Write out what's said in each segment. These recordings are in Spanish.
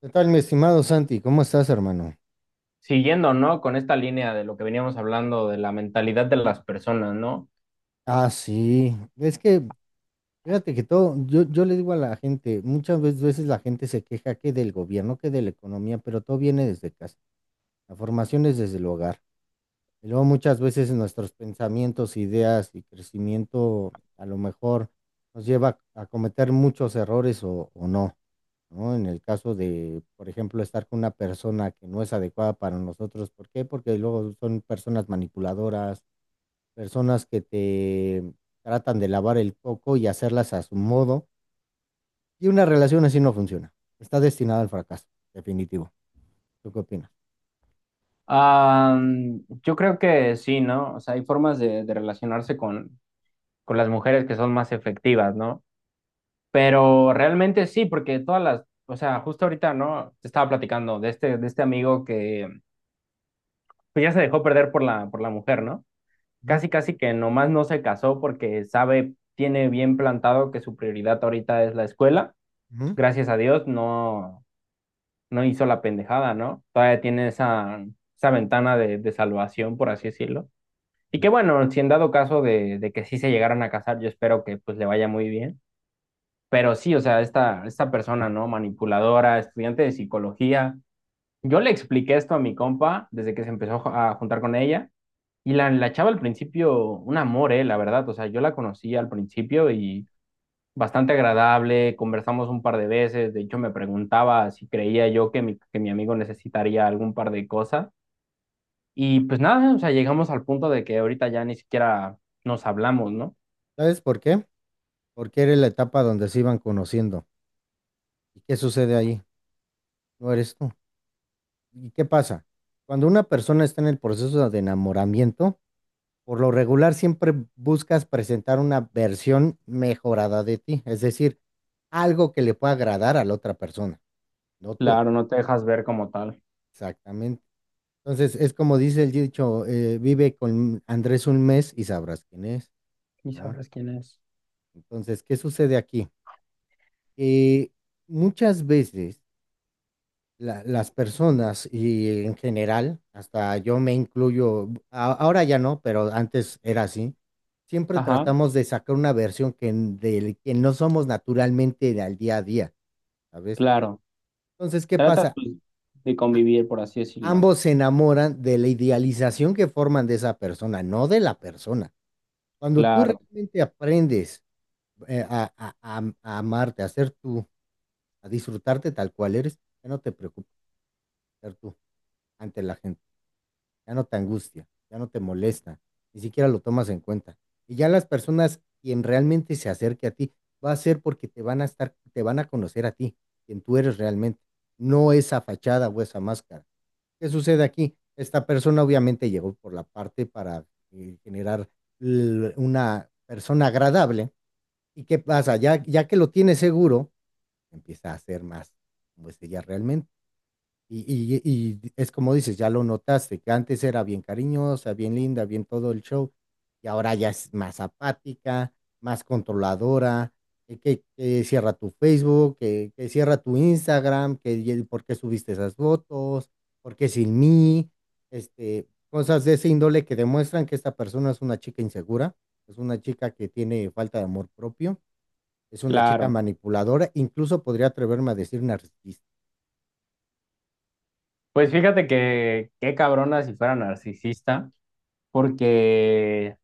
¿Qué tal, mi estimado Santi? ¿Cómo estás, hermano? Siguiendo, ¿no? Con esta línea de lo que veníamos hablando, de la mentalidad de las personas, ¿no? Ah, sí. Fíjate que todo, yo le digo a la gente, muchas veces la gente se queja que del gobierno, que de la economía, pero todo viene desde casa. La formación es desde el hogar. Y luego muchas veces nuestros pensamientos, ideas y crecimiento a lo mejor nos lleva a cometer muchos errores o no, ¿no? En el caso de, por ejemplo, estar con una persona que no es adecuada para nosotros. ¿Por qué? Porque luego son personas manipuladoras, personas que te tratan de lavar el coco y hacerlas a su modo, y una relación así no funciona. Está destinada al fracaso, definitivo. ¿Tú qué opinas? Ah, yo creo que sí, ¿no? O sea, hay formas de relacionarse con las mujeres que son más efectivas, ¿no? Pero realmente sí, porque todas las, o sea, justo ahorita, ¿no? Te estaba platicando de este amigo que pues ya se dejó perder por la mujer, ¿no? Ujú, Casi, casi que nomás no se casó porque sabe, tiene bien plantado que su prioridad ahorita es la escuela. ujú. Gracias a Dios, no, no hizo la pendejada, ¿no? Todavía tiene esa ventana de salvación, por así decirlo. Y que bueno, si en dado caso de que sí se llegaran a casar, yo espero que pues le vaya muy bien. Pero sí, o sea, esta persona, ¿no? Manipuladora, estudiante de psicología. Yo le expliqué esto a mi compa desde que se empezó a juntar con ella. Y la chava al principio, un amor, la verdad. O sea, yo la conocí al principio y bastante agradable, conversamos un par de veces, de hecho me preguntaba si creía yo que mi amigo necesitaría algún par de cosas y pues nada, o sea, llegamos al punto de que ahorita ya ni siquiera nos hablamos, ¿no? ¿Sabes por qué? Porque eres la etapa donde se iban conociendo. ¿Y qué sucede ahí? No eres tú. ¿Y qué pasa? Cuando una persona está en el proceso de enamoramiento, por lo regular siempre buscas presentar una versión mejorada de ti, es decir, algo que le pueda agradar a la otra persona, no tú. Claro, no te dejas ver como tal. Exactamente. Entonces, es como dice el dicho, vive con Andrés un mes y sabrás quién es, Y ¿no? sabrás quién es. Entonces, ¿qué sucede aquí? Que muchas veces las personas y en general, hasta yo me incluyo, ahora ya no, pero antes era así, siempre Ajá, tratamos de sacar una versión del que no somos naturalmente al día a día, ¿sabes? claro. Entonces, ¿qué Tratas pasa? pues, de A- convivir, por así decirlo. ambos se enamoran de la idealización que forman de esa persona, no de la persona. Cuando tú Claro, realmente aprendes a, a amarte, a ser tú, a disfrutarte tal cual eres, ya no te preocupas ser tú ante la gente, ya no te angustia, ya no te molesta, ni siquiera lo tomas en cuenta. Y ya las personas, quien realmente se acerque a ti, va a ser porque te van a estar, te van a conocer a ti, quien tú eres realmente, no esa fachada o esa máscara. ¿Qué sucede aquí? Esta persona obviamente llegó por la parte para generar una persona agradable. ¿Y qué pasa? Ya que lo tienes seguro, empieza a ser más como es ella realmente. Y, y es como dices, ya lo notaste, que antes era bien cariñosa, bien linda, bien todo el show, y ahora ya es más apática, más controladora, que cierra tu Facebook, que cierra tu Instagram, por qué subiste esas fotos, por qué sin mí, este, cosas de ese índole que demuestran que esta persona es una chica insegura, es una chica que tiene falta de amor propio, es una chica claro. manipuladora, incluso podría atreverme a decir narcisista. Pues fíjate que qué cabrona si fuera narcisista. Porque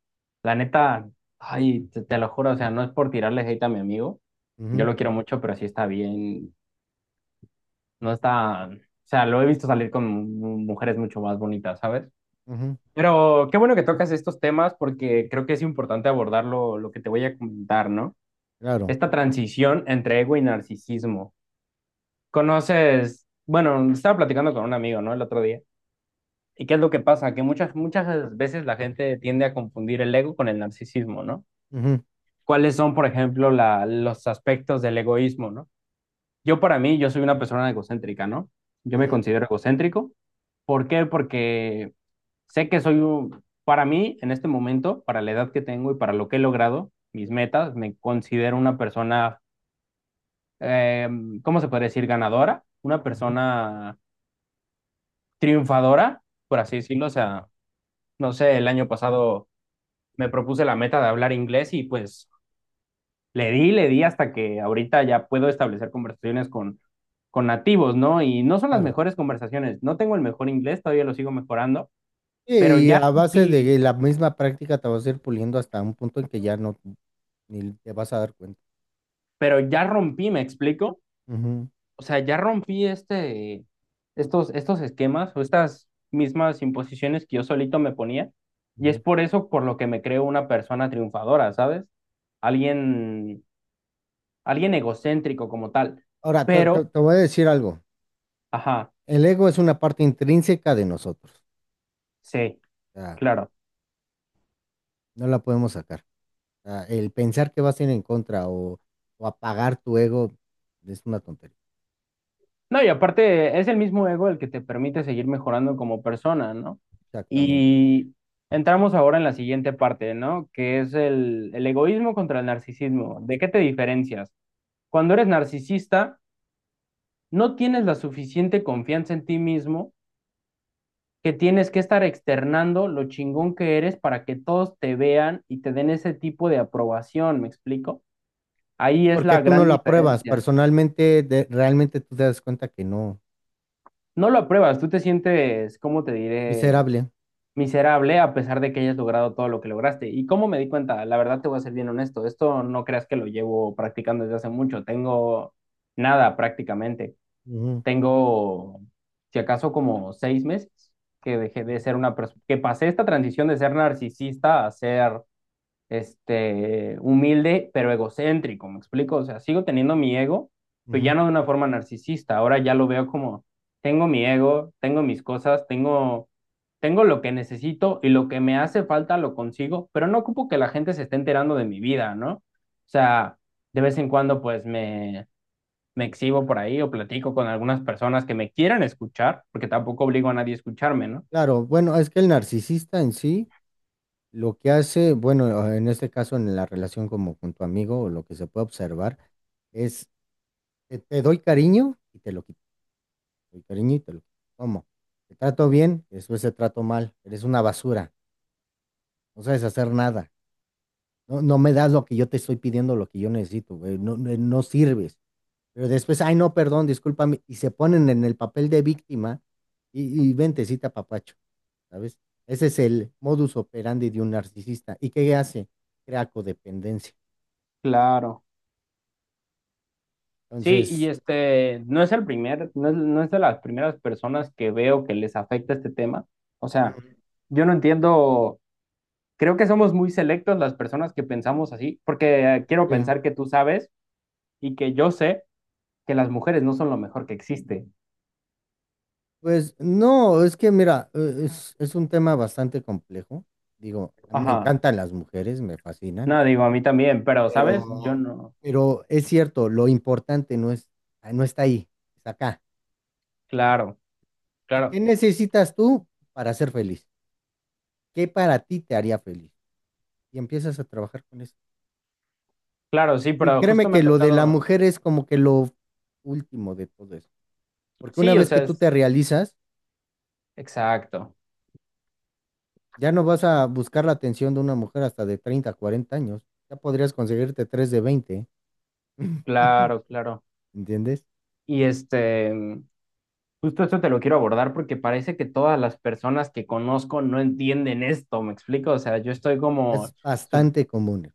la neta, ay, te lo juro, o sea, no es por tirarle hate a mi amigo. Yo Ujú, lo quiero mucho, pero sí está bien. No está, o sea, lo he visto salir con mujeres mucho más bonitas, ¿sabes? ujú, Pero qué bueno que tocas estos temas porque creo que es importante abordar lo que te voy a comentar, ¿no? claro, Esta transición entre ego y narcisismo. Conoces, bueno, estaba platicando con un amigo, ¿no? El otro día. ¿Y qué es lo que pasa? Que muchas veces la gente tiende a confundir el ego con el narcisismo, ¿no? ujú, ¿Cuáles son, por ejemplo, los aspectos del egoísmo, ¿no? Yo para mí, yo soy una persona egocéntrica, ¿no? Yo me ujú, considero egocéntrico. ¿Por qué? Porque sé que soy, para mí, en este momento, para la edad que tengo y para lo que he logrado, mis metas, me considero una persona, eh, ¿cómo se puede decir? Ganadora, una ujú, persona triunfadora, por así decirlo. O sea, no sé, el año pasado me propuse la meta de hablar inglés y pues le di hasta que ahorita ya puedo establecer conversaciones con nativos, ¿no? Y no son las claro. mejores conversaciones. No tengo el mejor inglés, todavía lo sigo mejorando, pero Sí. Y ya a base rompí, de la misma práctica te vas a ir puliendo hasta un punto en que ya no ni te vas a dar cuenta. pero ya rompí, ¿me explico? Ujú, O sea, ya rompí estos esquemas o estas mismas imposiciones que yo solito me ponía. Y es ujú. por eso por lo que me creo una persona triunfadora, ¿sabes? Alguien, alguien egocéntrico como tal. Ahora, Pero, te voy a decir algo. ajá, El ego es una parte intrínseca de nosotros. sí, O sea, claro. no la podemos sacar. O sea, el pensar que vas a ir en contra o apagar tu ego es una tontería. No, y aparte es el mismo ego el que te permite seguir mejorando como persona, ¿no? Exactamente. Y entramos ahora en la siguiente parte, ¿no? Que es el egoísmo contra el narcisismo. ¿De qué te diferencias? Cuando eres narcisista, no tienes la suficiente confianza en ti mismo que tienes que estar externando lo chingón que eres para que todos te vean y te den ese tipo de aprobación, ¿me explico? Ahí es Porque la tú no gran la pruebas diferencia. personalmente, de- realmente tú te das cuenta que no. No lo apruebas, tú te sientes, ¿cómo te diré? Miserable. Miserable a pesar de que hayas logrado todo lo que lograste. ¿Y cómo me di cuenta? La verdad te voy a ser bien honesto, esto no creas que lo llevo practicando desde hace mucho, tengo nada prácticamente, Ujú, tengo si acaso como 6 meses que dejé de ser una persona, que pasé esta transición de ser narcisista a ser humilde, pero egocéntrico, ¿me explico? O sea, sigo teniendo mi ego, pero ujú. ya no de una forma narcisista, ahora ya lo veo como, tengo mi ego, tengo mis cosas, tengo lo que necesito y lo que me hace falta lo consigo, pero no ocupo que la gente se esté enterando de mi vida, ¿no? O sea, de vez en cuando me exhibo por ahí o platico con algunas personas que me quieran escuchar, porque tampoco obligo a nadie a escucharme, ¿no? Claro, bueno, es que el narcisista en sí, lo que hace, bueno, en este caso en la relación como con tu amigo, o lo que se puede observar, es te doy cariño y te lo quito, te doy cariño y te lo quito. ¿Cómo? Te trato bien y después te trato mal. Eres una basura, no sabes hacer nada. No, no me das lo que yo te estoy pidiendo, lo que yo necesito, güey. No, no no sirves. Pero después, ay, no, perdón, discúlpame, y se ponen en el papel de víctima y ventecita papacho, ¿sabes? Ese es el modus operandi de un narcisista. ¿Y qué hace? Crea codependencia. Claro. Sí, y Entonces, este no es el primer, no es de las primeras personas que veo que les afecta este tema. O ujú, sea, yo no entiendo, creo que somos muy selectos las personas que pensamos así, porque quiero eh, pensar que tú sabes y que yo sé que las mujeres no son lo mejor que existe. pues no, es que mira, es un tema bastante complejo. Digo, a mí me Ajá, encantan las mujeres, me fascinan, no digo a mí también, pero sabes, yo pero, no. pero es cierto, lo importante no es, no está ahí, está acá. Claro, claro, ¿Qué necesitas tú para ser feliz? ¿Qué para ti te haría feliz? Y empiezas a trabajar con eso. claro, sí, Y pero créeme justo me que ha lo de la tocado. mujer es como que lo último de todo eso. Porque una Sí, o vez que sea, tú es te realizas, exacto, ya no vas a buscar la atención de una mujer hasta de 30 40 años. Ya podrías conseguirte tres de 20. claro, claro. ¿Entiendes? Y este. Justo esto te lo quiero abordar porque parece que todas las personas que conozco no entienden esto, ¿me explico? O sea, yo estoy Es como bastante común.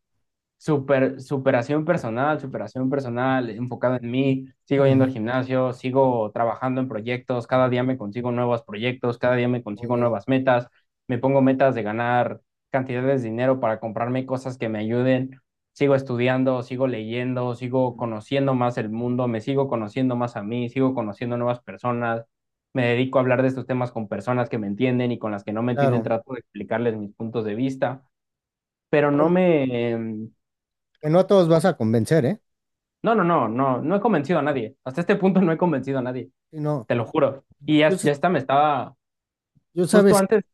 superación personal, enfocado en mí, sigo yendo Ujú, al gimnasio, sigo trabajando en proyectos, cada ujú. día me consigo nuevos proyectos, cada día me Muy consigo bien. nuevas metas, me pongo metas de ganar cantidades de dinero para comprarme cosas que me ayuden, sigo estudiando, sigo leyendo, sigo Ujú. conociendo más el mundo, me sigo conociendo más a mí, sigo conociendo nuevas personas. Me dedico a hablar de estos temas con personas que me entienden y con las que no me entienden, Claro. trato de explicarles mis puntos de vista, pero no Bueno, me. que no a todos vas a convencer, ¿eh? No, no, no, no, no he convencido a nadie. Hasta este punto no he convencido a nadie, Si no, te lo juro. Y yo, ya, s- ya está, me estaba yo justo sabes, antes.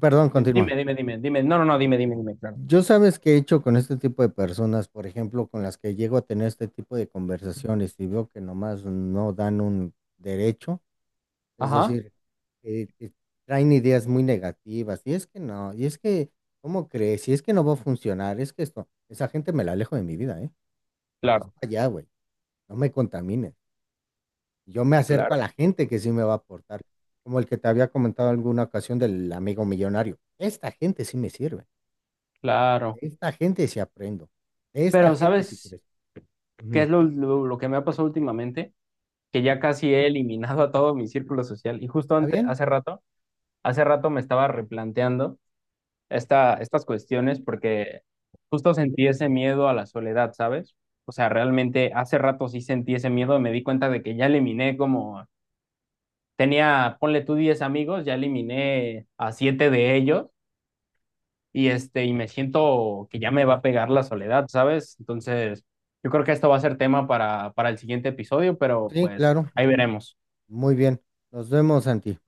perdón, Dime, continúa. dime, dime, dime. No, no, no, dime, dime, dime, claro. Yo sabes qué he hecho con este tipo de personas, por ejemplo, con las que llego a tener este tipo de conversaciones y veo que nomás no dan un derecho, es Ajá, decir, que traen ideas muy negativas, y es que no, y es que, ¿cómo crees? Y es que no va a funcionar, es que esto, esa gente me la alejo de mi vida, ¿eh? Hasta claro, allá, güey, no me contamines. Yo me acerco a claro, la gente que sí me va a aportar, como el que te había comentado alguna ocasión del amigo millonario. Esta gente sí me sirve. De claro. esta gente sí aprendo. De esta Pero gente sí ¿sabes crezco. qué Ujú. es lo que me ha pasado últimamente? Que ya casi he eliminado a todo mi círculo social. Y justo ¿Está antes, bien? Hace rato me estaba replanteando estas cuestiones porque justo sentí ese miedo a la soledad, ¿sabes? O sea, realmente hace rato sí sentí ese miedo, me di cuenta de que ya eliminé como tenía, ponle tú 10 amigos, ya eliminé a 7 de ellos y este y me siento que ya me va a pegar la soledad, ¿sabes? Entonces, yo creo que esto va a ser tema para el siguiente episodio, pero Sí, pues claro. ahí veremos. Muy bien. Nos vemos, Santi.